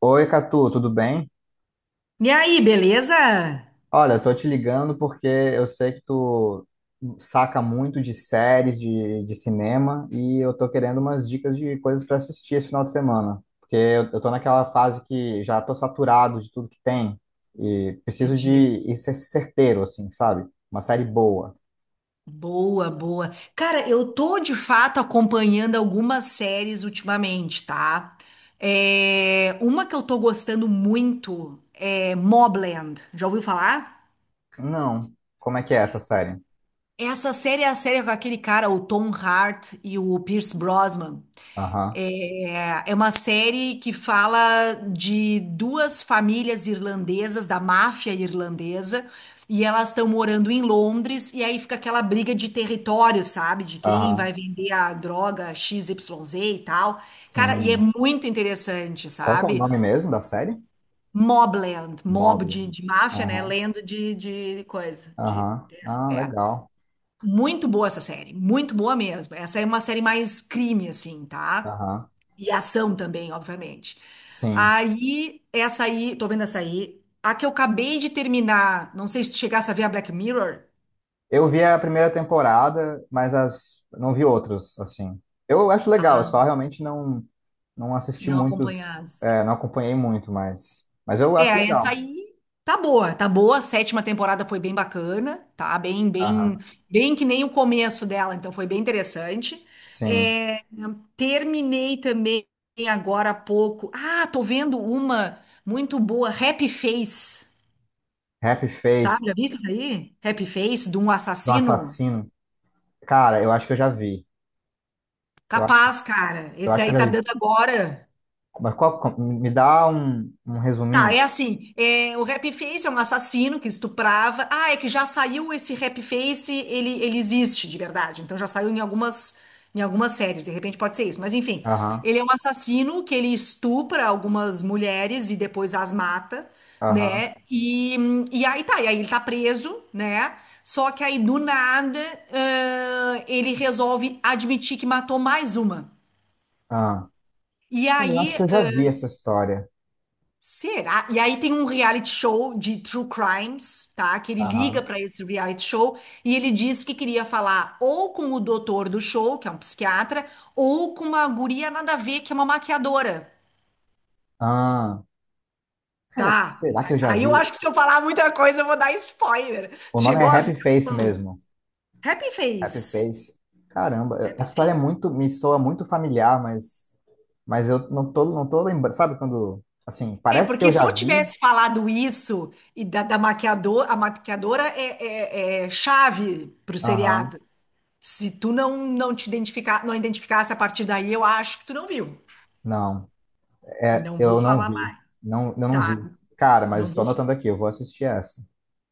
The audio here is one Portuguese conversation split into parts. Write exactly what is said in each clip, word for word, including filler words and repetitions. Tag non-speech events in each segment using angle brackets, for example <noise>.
Oi, Catu, tudo bem? E aí, beleza? Olha, eu tô te ligando porque eu sei que tu saca muito de séries de, de cinema e eu tô querendo umas dicas de coisas para assistir esse final de semana, porque eu, eu tô naquela fase que já tô saturado de tudo que tem e preciso de Entendi. ir ser certeiro, assim, sabe? Uma série boa. Boa, boa. Cara, eu tô de fato acompanhando algumas séries ultimamente, tá? É, Uma que eu tô gostando muito é Mobland. Já ouviu falar? Não. Como é que é essa série? Essa série é a série com aquele cara, o Tom Hart e o Pierce Brosnan. Aham, É é uma série que fala de duas famílias irlandesas, da máfia irlandesa, e elas estão morando em Londres, e aí fica aquela briga de território, sabe? De quem vai aham, vender a droga xis ípsilon zê e tal. Cara, e é sim. muito interessante, Qual que é o sabe? nome mesmo da série? Mobland, Mob. mob de, de máfia, né? Aham, Land de, de coisa, de aham. Ah, é. legal. Muito boa essa série, muito boa mesmo. Essa é uma série mais crime, assim, tá? Aham, E a ação também, obviamente. sim. Aí, essa aí, tô vendo essa aí. A que eu acabei de terminar, não sei se tu chegasse a ver a Black Mirror. Eu vi a primeira temporada, mas as não vi outras, assim. Eu acho legal, eu só Ah, realmente não não assisti não muitos, acompanhasse. é, não acompanhei muito, mas mas eu acho É, essa legal. aí tá boa, tá boa. A sétima temporada foi bem bacana, tá? Bem, bem, Aham. bem que nem o começo dela, então foi bem interessante. Sim. É, terminei também agora há pouco. Ah, tô vendo uma muito boa, Happy Face. Happy Sabe, Face já viste isso aí? Happy Face de um do assassino? assassino. Cara, eu acho que eu já vi. Eu acho, Capaz, cara. eu Esse acho que aí eu já tá vi. dando agora. Mas qual, qual- me dá um, um Tá, resuminho? é assim, é, o Rap-Face é um assassino que estuprava. Ah, é que já saiu esse Rap-Face, ele, ele existe de verdade. Então já saiu em algumas, em algumas séries, de repente pode ser isso. Mas enfim, Aham. ele é um assassino que ele estupra algumas mulheres e depois as mata, Aham. né? E, e aí tá, e aí ele tá preso, né? Só que aí do nada, ãh, ele resolve admitir que matou mais uma. Ah. E Cara, eu aí, acho que eu já vi essa história. Será? E aí tem um reality show de true crimes, tá? Que ele liga Aham. pra esse reality show e ele diz que queria falar ou com o doutor do show, que é um psiquiatra, ou com uma guria nada a ver, que é uma maquiadora. Ah. Cara, Tá. será que eu já Aí vi? eu acho que se eu falar muita coisa, eu vou dar spoiler. O Tu nome é chegou a ver? Happy Face O mesmo. Happy Happy Face. Face. Caramba, a Happy história é Face. muito, me soa muito familiar, mas, mas eu não tô, não tô lembrando. Sabe quando, assim, É, parece que eu porque se já eu vi. tivesse falado isso e da, da maquiador, a maquiadora é, é, é chave pro Aham, seriado. Se tu não, não te identificar, não identificasse a partir daí, eu acho que tu não viu. não, é, Não vou eu não falar vi. mais. Não, eu não Tá, vi. Cara, mas não estou vou. anotando aqui, eu vou assistir essa.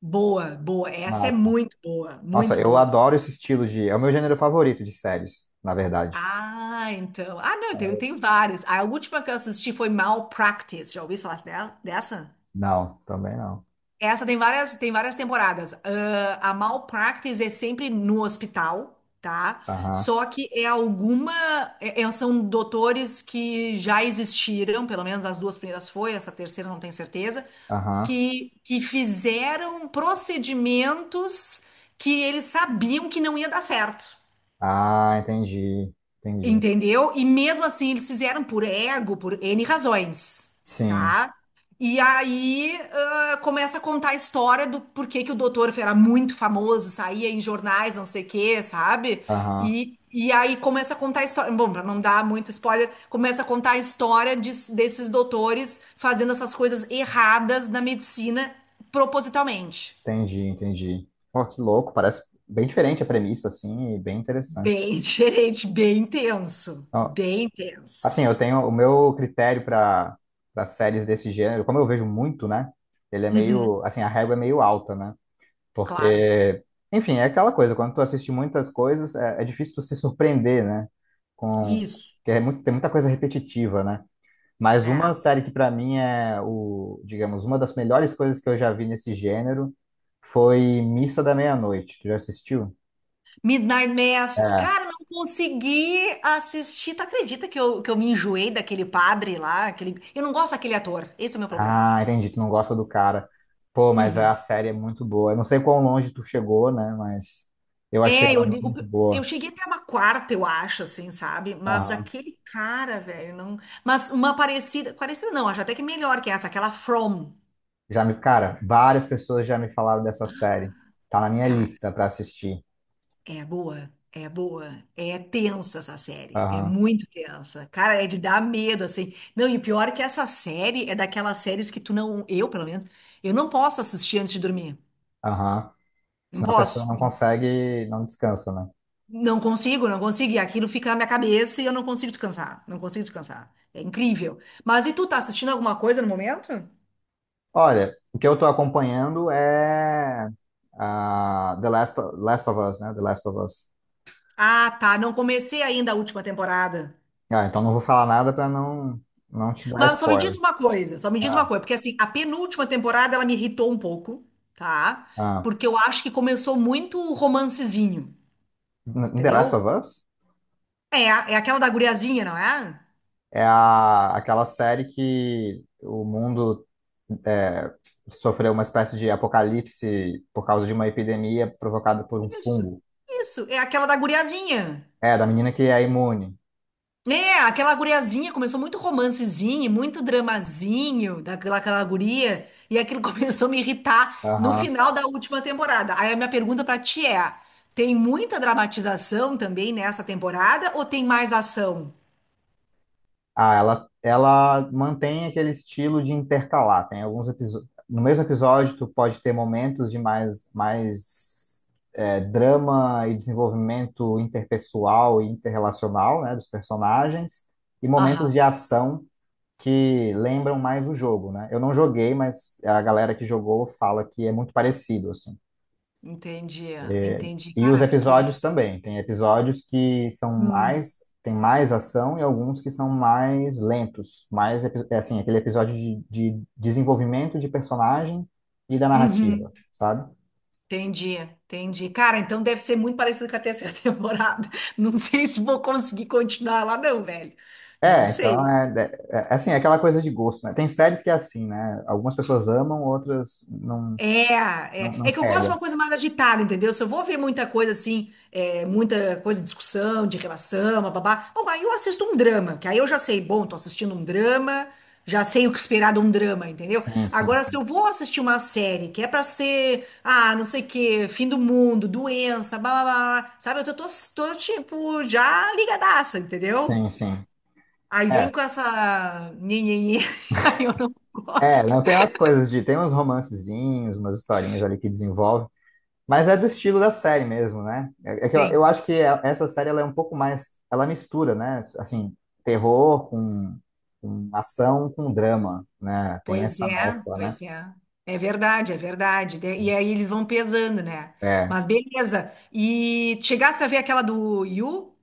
Boa, boa. Essa é Massa. muito boa, Nossa, muito eu boa. adoro esse estilo de. É o meu gênero favorito de séries, na verdade. Ah, então. Ah, não, tem, tem várias. A última que eu assisti foi Malpractice. Já ouviu falar dela- dessa? Não, também não. Essa tem várias, tem várias temporadas. Ah, a Malpractice é sempre no hospital, tá? Aham, Só que é alguma. é- é- são doutores que já existiram, pelo menos as duas primeiras foi, essa terceira não tenho certeza, aham. que, que fizeram procedimentos que eles sabiam que não ia dar certo. Ah, entendi, entendi. Entendeu? E mesmo assim, eles fizeram por ego, por ene razões, Sim, tá? E aí ah, começa a contar a história do porquê que o doutor era muito famoso, saía em jornais, não sei o quê, sabe? aham. E, e aí começa a contar a história. Bom, pra não dar muito spoiler, começa a contar a história de- desses doutores fazendo essas coisas erradas na medicina propositalmente. Entendi, entendi. Pô, que louco, parece bem diferente a premissa, assim, e bem interessante. Bem <laughs> diferente, bem intenso. Então, Bem assim, intenso. eu tenho o meu critério para para séries desse gênero, como eu vejo muito, né? Ele é Uhum, meio, assim, a régua é meio alta, né? claro. Porque, enfim, é aquela coisa, quando tu assiste muitas coisas, é, é difícil tu se surpreender, né? Com, Isso. que é muito, tem muita coisa repetitiva, né? Mas uma É. série que para mim é o, digamos, uma das melhores coisas que eu já vi nesse gênero foi Missa da Meia-Noite. Tu já assistiu? Midnight Mass. É. Cara, não consegui assistir. Tu acredita que eu, que eu me enjoei daquele padre lá? Aquele... Eu não gosto daquele ator. Esse é o meu problema. Ah, entendi. Tu não gosta do cara. Pô, mas a Uhum. série é muito boa. Eu não sei quão longe tu chegou, né? Mas eu achei É, ela eu digo. muito Eu boa. cheguei até uma quarta, eu acho, assim, sabe? Mas Aham. aquele cara, velho, não. Mas uma parecida. Parecida não, acho até que melhor que essa, aquela From. Já me, cara, várias pessoas já me falaram dessa série. Tá na minha Cara, lista pra assistir. É boa, é boa. É tensa essa série, é Aham, muito tensa. Cara, é de dar medo, assim. Não, e o pior é que essa série é daquelas séries que tu não, eu pelo menos, eu não posso assistir antes de dormir. aham. Não Senão a pessoa posso. não consegue, não descansa, né? Não consigo, não consigo. E aquilo fica na minha cabeça e eu não consigo descansar. Não consigo descansar. É incrível. Mas e tu tá assistindo alguma coisa no momento? Olha, o que eu tô acompanhando é ah, The Last, Last of Us, né? The Last of Us. Ah, tá. Não comecei ainda a última temporada. Ah, então não vou falar nada pra não, não te dar Mas só me diz spoiler. uma coisa, só me diz uma Ah, coisa, porque assim, a penúltima temporada ela me irritou um pouco, tá? ah. Porque eu acho que começou muito o romancezinho, N- The Last entendeu? of Us É, é aquela da guriazinha, não é? é a, aquela série que o mundo é, sofreu uma espécie de apocalipse por causa de uma epidemia provocada por um Isso, fungo. isso, é aquela da guriazinha. É, da menina que é imune. É, aquela guriazinha começou muito romancezinho, muito dramazinho daquela aquela guria, e aquilo <laughs> começou a me irritar no Aham. final da última temporada. Aí a minha pergunta pra ti é: tem muita dramatização também nessa temporada ou tem mais ação? Ah, ela, ela mantém aquele estilo de intercalar. Tem alguns episódios. No mesmo episódio, tu pode ter momentos de mais, mais é, drama e desenvolvimento interpessoal e interrelacional, né, dos personagens, e momentos Aham. de ação que lembram mais o jogo, né? Eu não joguei, mas a galera que jogou fala que é muito parecido, assim. Entendi, entendi. E os Cara, episódios porque. também. Tem episódios que são Hum, mais, tem mais ação e alguns que são mais lentos, mais, epi- é assim, aquele episódio de, de desenvolvimento de personagem e da narrativa, uhum, sabe? entendi, entendi. Cara, então deve ser muito parecido com a terceira <laughs> temporada. Não sei se vou conseguir continuar lá, não, velho. Não É, então sei. é, é, é é assim, é aquela coisa de gosto, né? Tem séries que é assim, né? Algumas pessoas amam, outras não, É, não, é, é não que eu gosto de pega. uma coisa mais agitada, entendeu? Se eu vou ver muita coisa assim, é, muita coisa de discussão, de relação, babá, bom, aí eu assisto um drama, que aí eu já sei, bom, tô assistindo um drama, já sei o que esperar de um drama, entendeu? Sim, sim, Agora, se sim. eu vou assistir uma série que é pra ser, ah, não sei o quê, fim do mundo, doença, blá, blá, blá, blá, sabe? Eu tô, tô, tô, tipo, já ligadaça, entendeu? Sim, sim. Aí vem É, com essa nhenhenhê, <laughs> aí eu não É, gosto. não tem umas coisas de. Tem uns romancezinhos, umas historinhas ali que desenvolve, mas é do estilo da série mesmo, né? É é que eu, eu Vem. acho que a- essa série ela é um pouco mais. Ela mistura, né? Assim, terror com, com ação com drama, né? Tem Pois essa é, mescla, né? pois é. É verdade, é verdade. De- E aí eles vão pesando, né? É. Mas beleza. E chegasse a ver aquela do Yu?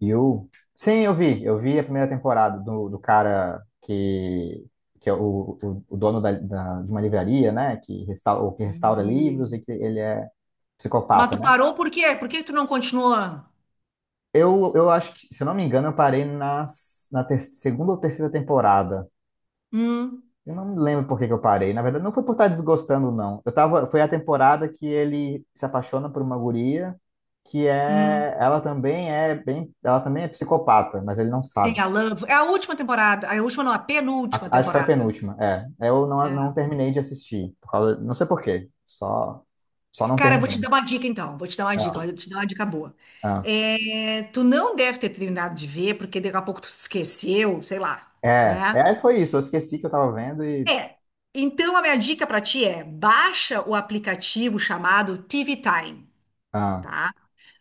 E o. Sim, eu vi. Eu vi a primeira temporada do, do cara que. Que é o, o, o dono da, da- de uma livraria, né? Que restaura, que restaura livros E... e que ele é Mas psicopata. tu parou por quê? Por que tu não continua? Eu, eu acho que, se eu não me engano, eu parei nas, na ter- segunda ou terceira temporada. Hum, Eu não me lembro por que que eu parei. Na verdade, não foi por estar desgostando, não. Eu tava, foi a temporada que ele se apaixona por uma guria, que hum. é, ela também é bem, ela também é psicopata, mas ele não Sim, sabe. a Love. É a última temporada. A última não, a penúltima A- acho que foi a temporada. penúltima. É, eu não, não É. terminei de assistir, por causa- não sei por quê. Só, só não Cara, eu vou te terminei. dar uma dica então. Vou te dar uma dica, Ah, mas eu te dar uma dica boa. ah. É, tu não deve ter terminado de ver, porque daqui a pouco tu esqueceu, sei lá, É, né? é, foi isso. Eu esqueci que eu tava vendo e. É. Então, a minha dica para ti é: baixa o aplicativo chamado tê vê Time, Ah, tá?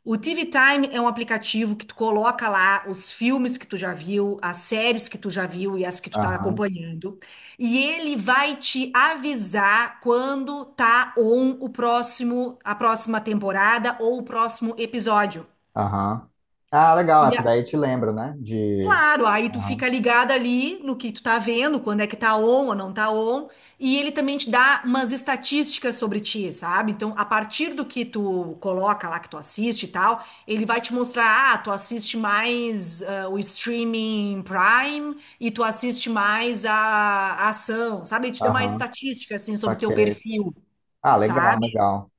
O tê vê Time é um aplicativo que tu coloca lá os filmes que tu já viu, as séries que tu já viu e as que tu tá aham. acompanhando, e ele vai te avisar quando tá on o próximo, a próxima temporada ou o próximo episódio. Aham. Ah, legal, E é, porque a- daí te lembra, né? De. Claro, aí tu Aham, fica ligado ali no que tu tá vendo, quando é que tá on ou não tá on, e ele também te dá umas estatísticas sobre ti, sabe? Então, a partir do que tu coloca lá, que tu assiste e tal, ele vai te mostrar, ah, tu assiste mais ah, o streaming Prime e tu assiste mais a, a ação, sabe? Ele te dá uma aham, estatística, assim, sobre o teu saquei. perfil, Ah, legal, sabe? legal.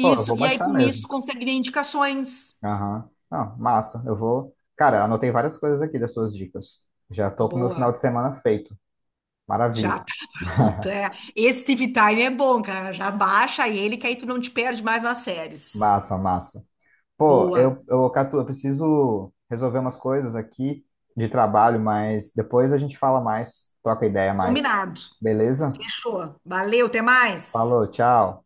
Pô, eu vou e aí baixar com isso mesmo. tu consegue ver indicações. Aham. Não, massa, eu vou. Cara, anotei várias coisas aqui das suas dicas. Já tô com o meu final de Boa. semana feito. Maravilha. Já tá <laughs> pronto, é. Esse tê vê Time é bom, cara. Já baixa ele que aí tu não te perde mais nas séries. Massa, massa. Pô, Boa. eu, eu, Catu, eu preciso resolver umas coisas aqui de trabalho, mas depois a gente fala mais, troca ideia mais. Combinado. Beleza? Fechou. Valeu, até mais. Falou, tchau.